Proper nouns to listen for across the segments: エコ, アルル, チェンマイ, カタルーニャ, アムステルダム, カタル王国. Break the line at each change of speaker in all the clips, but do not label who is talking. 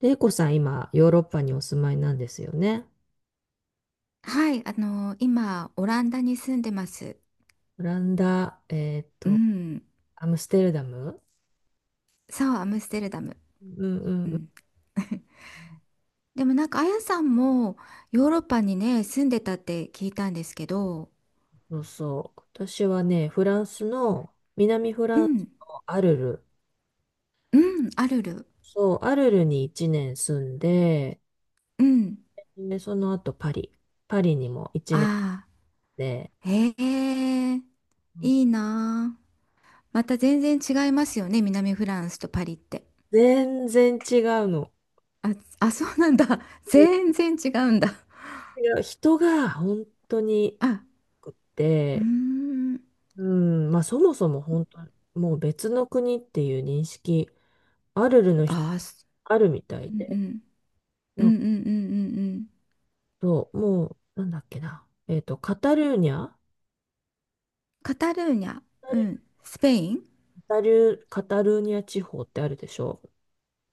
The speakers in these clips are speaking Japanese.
で、エコさん、今、ヨーロッパにお住まいなんですよね。
はい、今、オランダに住んでます。
オランダ、
うん。
アムステルダム。
そう、アムステルダム。
うんうん
う
うん。
ん。でもなんか、あやさんもヨーロッパにね、住んでたって聞いたんですけど、
そうそう。私はね、フランスの、南フ
う
ランス
ん、
のアルル。
うん、あるる。
そう、アルルに1年住んで、
うん。
で、その後パリ。パリにも1年
あ
で、
あ、へえ、いいなあ。また全然違いますよね、南フランスとパリって。
全然違うの。
あ、あ、そうなんだ。
で
全然違うんだ。
違う人が本当に
あ、
良くっ
うー
て、
ん。
うん、まあそもそも本当、もう別の国っていう認識アルルの人、
ああ、
あるみたい
うんう
で。
ん。う
な
ん
んか
うんうんうんうん。
そう、もう、なんだっけな。カタルーニャ。
カタルーニャ、う
カ
ん、スペイン、
カタルーニャ地方ってあるでしょ。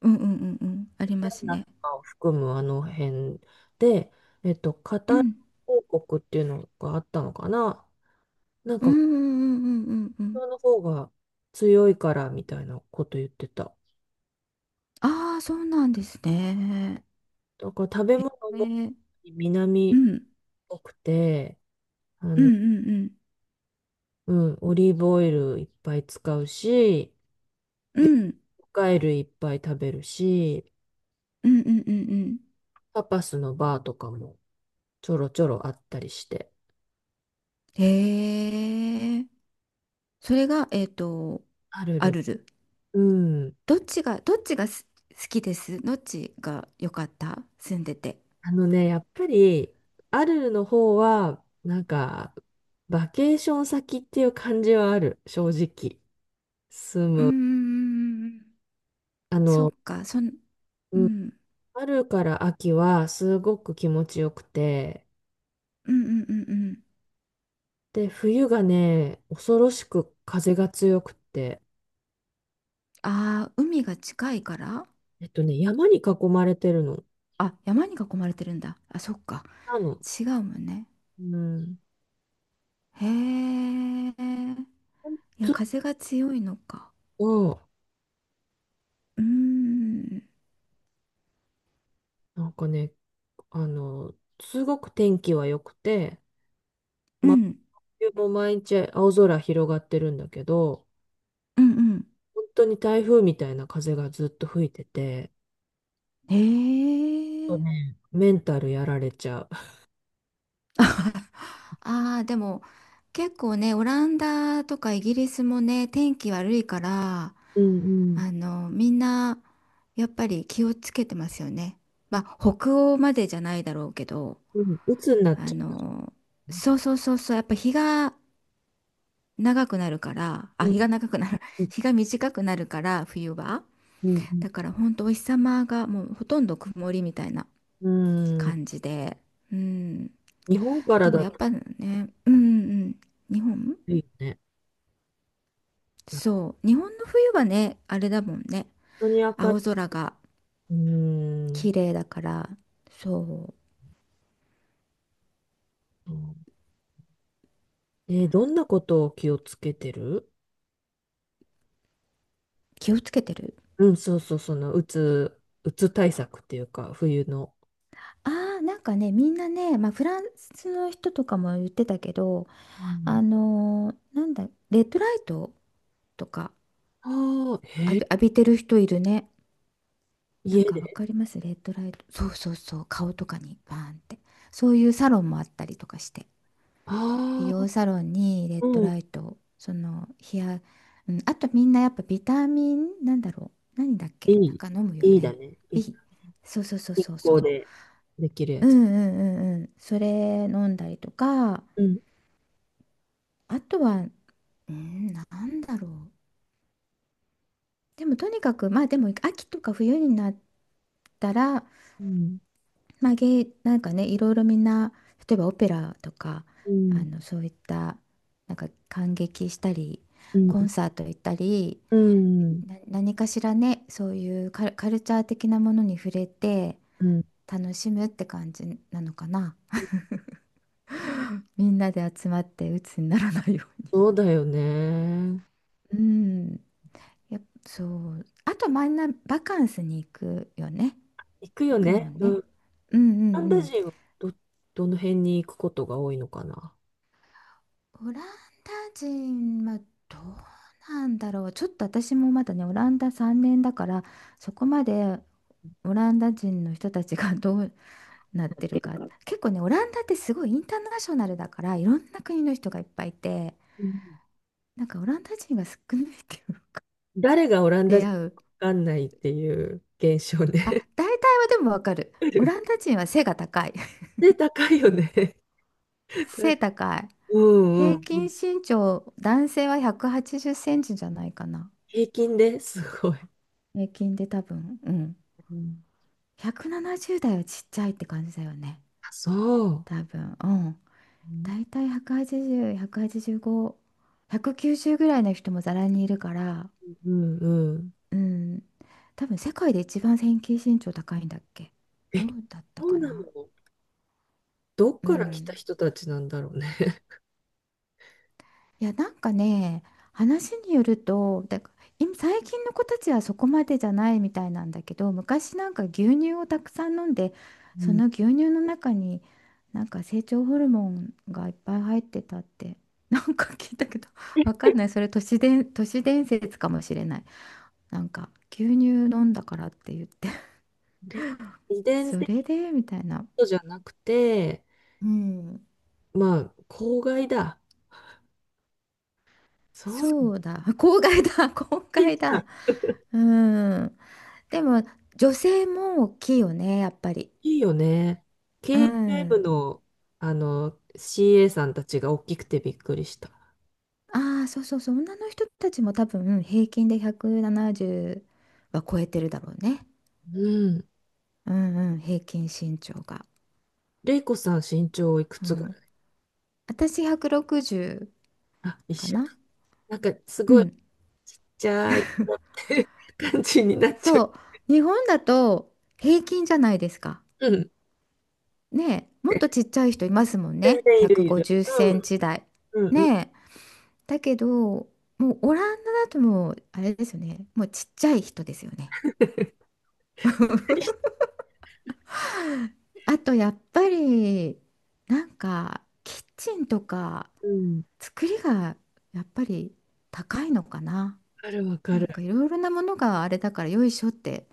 うんうんうんうん、あります
ナ
ね。
とかを含むあの辺で、カ
う
タル
ん、
王国っていうのがあったのかな。
うんうんうんうんうんう
そ
ん。
の方が強いからみたいなこと言ってた。
ああ、そうなんですね。
だから食べ物も
ね、
南
う
っ
ん、
ぽくて、
うんうんうん、
うん、オリーブオイルいっぱい使うし、
う
魚
ん、
介類いっぱい食べるし、
うんうんうんうん。
タパスのバーとかもちょろちょろあったりして。
へえ、それが、
アル
ア
ル、
ルル。
うん。
どっちが好きです？どっちが良かった、住んでて？
やっぱり、アルルの方は、なんか、バケーション先っていう感じはある、正直。住
うー
む。
ん、
あ
そっ
の、
か、う
うん、
ん、
春から秋はすごく気持ちよくて、
うんうんうんうん。
で、冬がね、恐ろしく風が強くて、
ああ、海が近いから。
山に囲まれてるの。
あ、山に囲まれてるんだ。あ、そっか。
なの。
違うもんね。
うん。
へえ。いや、
ず、
風が強いのか。
うん。
うーん。
なんかね、あの、すごく天気は良くて、
う
真
ん。
冬も毎日青空広がってるんだけど、
うん
本当に台風みたいな風がずっと吹いてて、
うん。
ちょっ
へえ。
とね、メンタルやられちゃ
ああ、でも、結構ね、オランダとかイギリスもね、天気悪いから、
う。うん
みんな、やっぱり気をつけてますよね。まあ、北欧までじゃないだろうけど、
うん。うん、鬱になっ
あ
ちゃ
の、そうそうそうそう、やっぱ日が長くなるから、あ、
う。うん
日が長くなる、
う ん
日が短くなるから、冬は。
う
だから本当お日様がもうほとんど曇りみたいな
ん。うん。
感じで、うん。
日本から
でも
だ
やっ
と
ぱね、うんうんうん、日本、
いいよね。本
そう、日本の冬はね、あれだもんね、
当に明
青
る
空が
い。うん。
綺麗だから、そう、
え、どんなことを気をつけてる？
気をつけてる。
うん、そうそう、その、うつ対策っていうか、冬の。
ああ、なんかね、みんなね、まあ、フランスの人とかも言ってたけど、
うん。
なんだ、レッドライトとか、
ああ、へえ、
浴びてる人いるね。なん
家
かわ
で。
かりますレッドライト。そうそうそう。顔とかにバーンって。そういうサロンもあったりとかして。美
ああ、
容サロンにレッド
うん。
ライトを、うん、あとみんなやっぱビタミン、なんだろう。何だっ
い
けなん
い。
か飲むよ
いいだ
ね。
ね。い、
B。そうそうそう
日
そうそ
光
う。
でできるや
うんう
つ。
んうんうん。それ飲んだりとか、
うん。
あとは、うん、なんだろう。でもとにかく、まあでも秋とか冬になったら、
うん。
まあ、なんかね、いろいろみんな、例えばオペラとか、
うん。
そういった、なんか感激したり、
うん。
コンサート行ったり、
うん。
何かしらね、そういうカルチャー的なものに触れて、
うん。
楽しむって感じなのかな。みんなで集まって鬱にならないように。
そうだよね。
うん、やっぱそう。あと、みんなバカンスに行くよね。
行く
行
よ
くも
ね。
ん
う
ね。
ん。
うんうん
カナ
う
ダ
ん。
人はど、どの辺に行くことが多いのかな。
オランダ人はどうなんだろう。ちょっと私もまだね、オランダ3年だから、そこまでオランダ人の人たちが どうなっ
やっ
てる
てる
か。
か。
結構ね、オランダってすごいインターナショナルだから、いろんな国の人がいっぱいいて、
うん。
なんかオランダ人が少ないっていうか、
誰がオランダ
出
人
会う。
かわかんないっていう現象
あ、
ね。
大体はでもわかる。オラン ダ人は背が高い。
で、高いよね。
背 高い。
うん
平
う
均
ん。
身長、男性は180センチじゃないかな。
平均ですごい。
平均で多分、うん。
うん
170代はちっちゃいって感じだよね。
そう。
多分。うん。だいたい180、185、190ぐらいの人もざらにいるから、
うんうん。
うん。多分世界で一番平均身長高いんだっけ。どうだった
そう
か
な
な。
の。どっ
う
から来た
ん。
人たちなんだろうね。
いや、なんかね、話によると、今最近の子たちはそこまでじゃないみたいなんだけど、昔なんか牛乳をたくさん飲んで、
う
そ
ん。
の牛乳の中になんか成長ホルモンがいっぱい入ってたって、なんか聞いたけど、わかんない。それ都市伝説かもしれない。なんか牛乳飲んだからって言って、
で、遺伝
そ
的
れでみたいな。
とじゃなくて、
うん、
まあ、公害だ。そうなんだ。
そうだ。公害だ。公
え、じ
害
ゃあ
だ。うん。でも女性も大きいよね、やっぱり。
いいよね。
う
KLM
ん。
の、CA さんたちが大きくてびっくりした。
ああ、そうそうそう。女の人たちも多分平均で170は超えてるだろうね。
うん。
うんうん、平均身長が。
レイコさん身長いく
う
つぐら
ん。
い？
私160
あ、一
か
緒。
な。
なんか、す
う
ごい、
ん。
じゃあ、いって感じになっちゃ
そう。日本だと平均じゃないですか。
う。うん。
ねえ、もっとちっちゃい人いますもん
全
ね。
然いる
150
いる。
セ
う
ン
ん。
チ台。
うんうん。
ねえ。だけど、もうオランダだともうあれですよね。もうちっちゃい人ですよね。あとやっぱりなんかキッチンとか
うん。わ
作りがやっぱり高いのかな。
かるわか
なんか
る。
いろいろなものがあれだからよいしょって。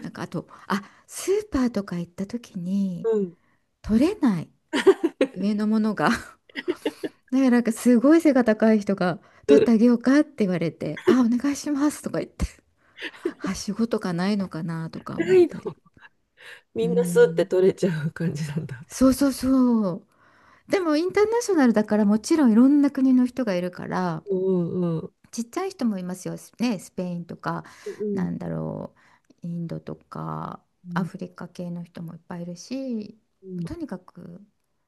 なんかあと、あ、スーパーとか行った時に
うん。
取れない 上のものが だからなんかすごい背が高い人が
う
取っ
ん。
てあげようかって言われて、あ、お願いしますとか言って、はしごとかないのかなとか思っ
辛いの。
たり。
み
う
んなスって
ん。
取れちゃう感じなんだ。
そうそうそう。でもインターナショナルだからもちろんいろんな国の人がいるから
うんうんうん。
ちっちゃい人もいますよ、ね、スペインとか
うん
なんだろうインドとか
う
ア
ん
フリカ系の人もいっぱいいるし、
うん
とにかく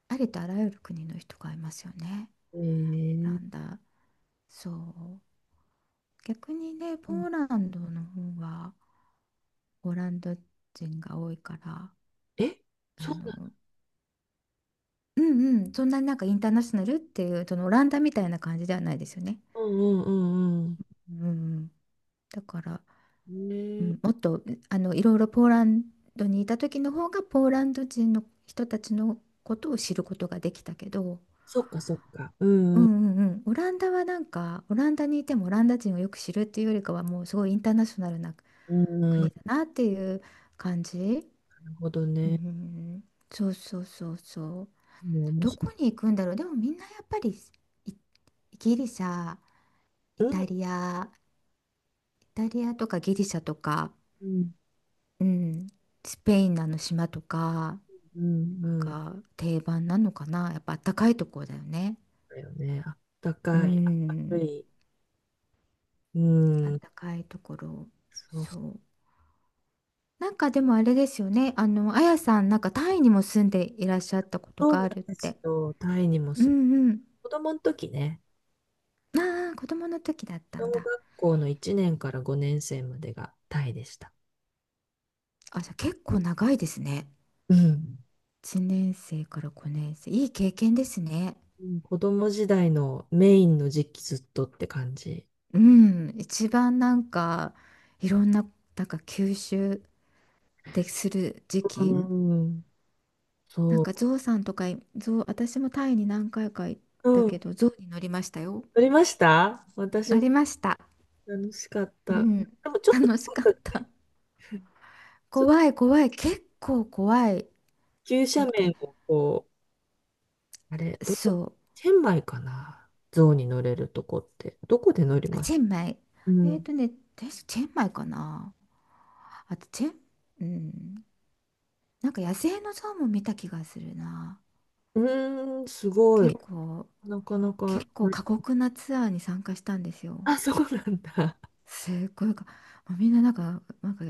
ありとあらゆる国の人がいますよね、
うん。
オラ
えー、
ンダ。そう、逆にね
う
ポ
ん、
ーランドの方はオランダ人が多いから、
え、
あ
そうな
のうんうん、そんなになんかインターナショナルっていうそのオランダみたいな感じではないですよね。
の？うんうんうん
うんうん、だから、
うん。ね
うん、もっ
え、
といろいろポーランドにいた時の方がポーランド人の人たちのことを知ることができたけど、
そっかそっか。う
う
んうん
んうんうん、オランダはなんかオランダにいてもオランダ人をよく知るっていうよりかはもうすごいインターナショナルな
うんう
国
ん。
だなっていう感じ。
なるほど
う
ね。
ん、そうそうそうそう。
もう面
ど
白
こに行くんだろう。でもみんなやっぱりいギリシャ、
い。
イ
う
タ
ん
リア、イタリアとかギリシャとか、
うん
うん、スペインのあの島とか。
うんうん。
が定番なのかな。やっぱあったかいところだよね。
だよね。あった
う
かい、明る
ん、
い。う
あっ
ん。
たかいところ。
そう、
そう。なんかでもあれですよね。あやさん、なんかタイにも住んでいらっしゃったこと
そう
が
な
あ
ん
るっ
です
て。
よ。タイにも
う
そう。
んうん。
子供の時ね。
ああ、子供の時だった
小
んだ。
学校の1年から5年生までがタイでした。
あ、じゃあ結構長いですね。
うん。
1年生から5年生。いい経験ですね。
うん、子供時代のメインの時期ずっとって感じ。
うん。一番なんか、いろんな、なんか吸収でする時
う
期。
ん。
なんか
そ
ゾウさんとかゾウ、私もタイに何回か行っ
う。
た
うん。
け
撮
ど、ゾウに乗りましたよ。
りました私
乗
も。
りました。
楽しかっ
う
た。
ん、
でもちょっと、
楽しかっ
なんか
た。
ちょっと
怖い怖い。結構怖い。
急斜
だって、
面をこう、あれ、どこ、
そう。
チェンマイかな、象に乗れるとこって。どこで乗り
あ、
ます？
チェンマイ。
う
えっ
ん。
とね、確かチェンマイかな。あと、チェン、うん。なんか野生のゾウも見た気がするな。
うーん、すごい。
結構、
なかなか、
結構、過酷なツアーに参加したんですよ。
あ、そうなんだ。
すっごいもうみんななんか、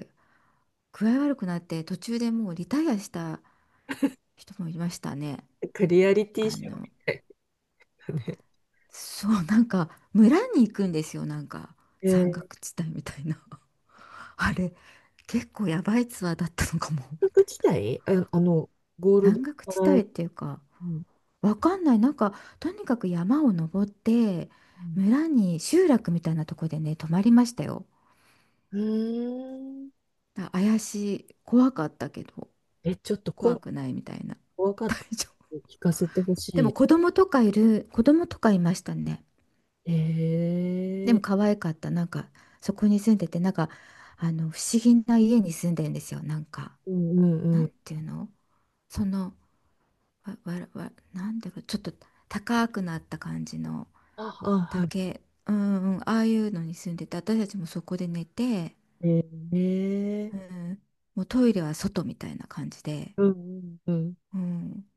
具合悪くなって途中でもうリタイアした人もいましたね。
なんかリアリティ
あ
ショーみ
の、
たいだね。
そう、なんか村に行くんですよ、なんか
え
山
ー、
岳地帯みたいな。あれ、結構やばいツアーだったのかも、み
大学
たい
時代、ゴー
な。
ルド
山岳地
働い
帯っ
て、
ていうか、
うん
わかんない。なんか、とにかく山を登って、村に集落みたいなとこでね、泊まりましたよ。
うん、うーん。
怪しい、怖かったけど、
え、ちょっと今
怖
度
くないみたいな。
怖かったので聞かせてほ
でも
し
子供とかいましたね。で
い。え
も可愛かった。なんか、そこに住んでて、なんか、不思議な家に住んでるんですよ。なんか、
ー、うんうん
な
う
ん
ん。
ていうの、その、わ、わ、わ、なんだろう、ちょっと高くなった感じの
あ、あ、はい。
竹、うんうん、ああいうのに住んでて、私たちもそこで寝て、
えー、え
う
ー、
ん、もうトイレは外みたいな感じで、
うんうん
うん。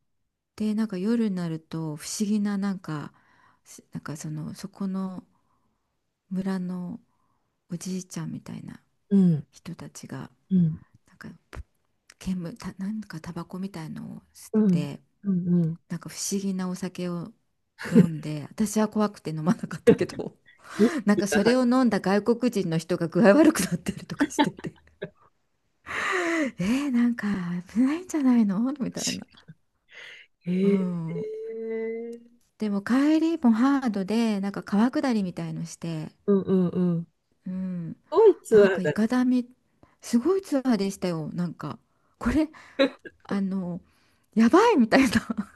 で、なんか夜になると不思議な、なんか、なんかそこの村のおじいちゃんみたいな
うん。
人たちが、
うん
なんかなんかタバコみたいのを吸っ
うん
て、
うんうんうん。
なんか不思議なお酒を飲んで、私は怖くて飲まなかったけど、
意
なん
識
か
が
そ
入っ
れ
て
を飲んだ外国人の人が具合悪くなってるとかしてて、えー、なんか危ないんじゃないのみ
ほ
たい
し
な。う
い。え
ん。
ー、
でも帰りもハードで、なんか川下りみたいのして、
うんうんうん。
うん。
ドイツ
なん
は
かい
だ。
かだみ、すごいツアーでしたよ。なんか、これ、あの、やばいみたいな。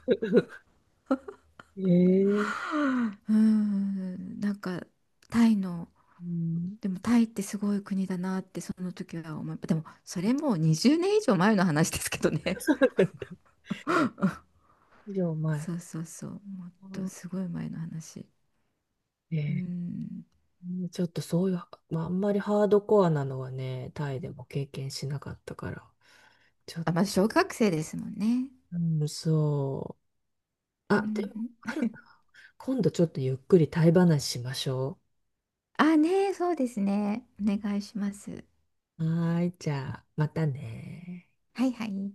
えー、
うーん、なんかタイの、
うん。
でもタイってすごい国だなってその時は思い、でもそれもう20年以上前の話ですけどね。
そうなんだ、以上 前。
そうそうそう、もっとすごい前の話。
え
う
ー、
ん、
うんちょっとそういう、まあ、あんまりハードコアなのはね、タイでも経験しなかったから。ちょっ
あ、まず
と、
小学生ですもんね。
うん、そう。
う
あ、でも、
ん、
ある、今度ちょっとゆっくりタイ話しましょ
あ、ねえ、そうですね。お願いします。
う。はーい、じゃあ、またね。
はいはい。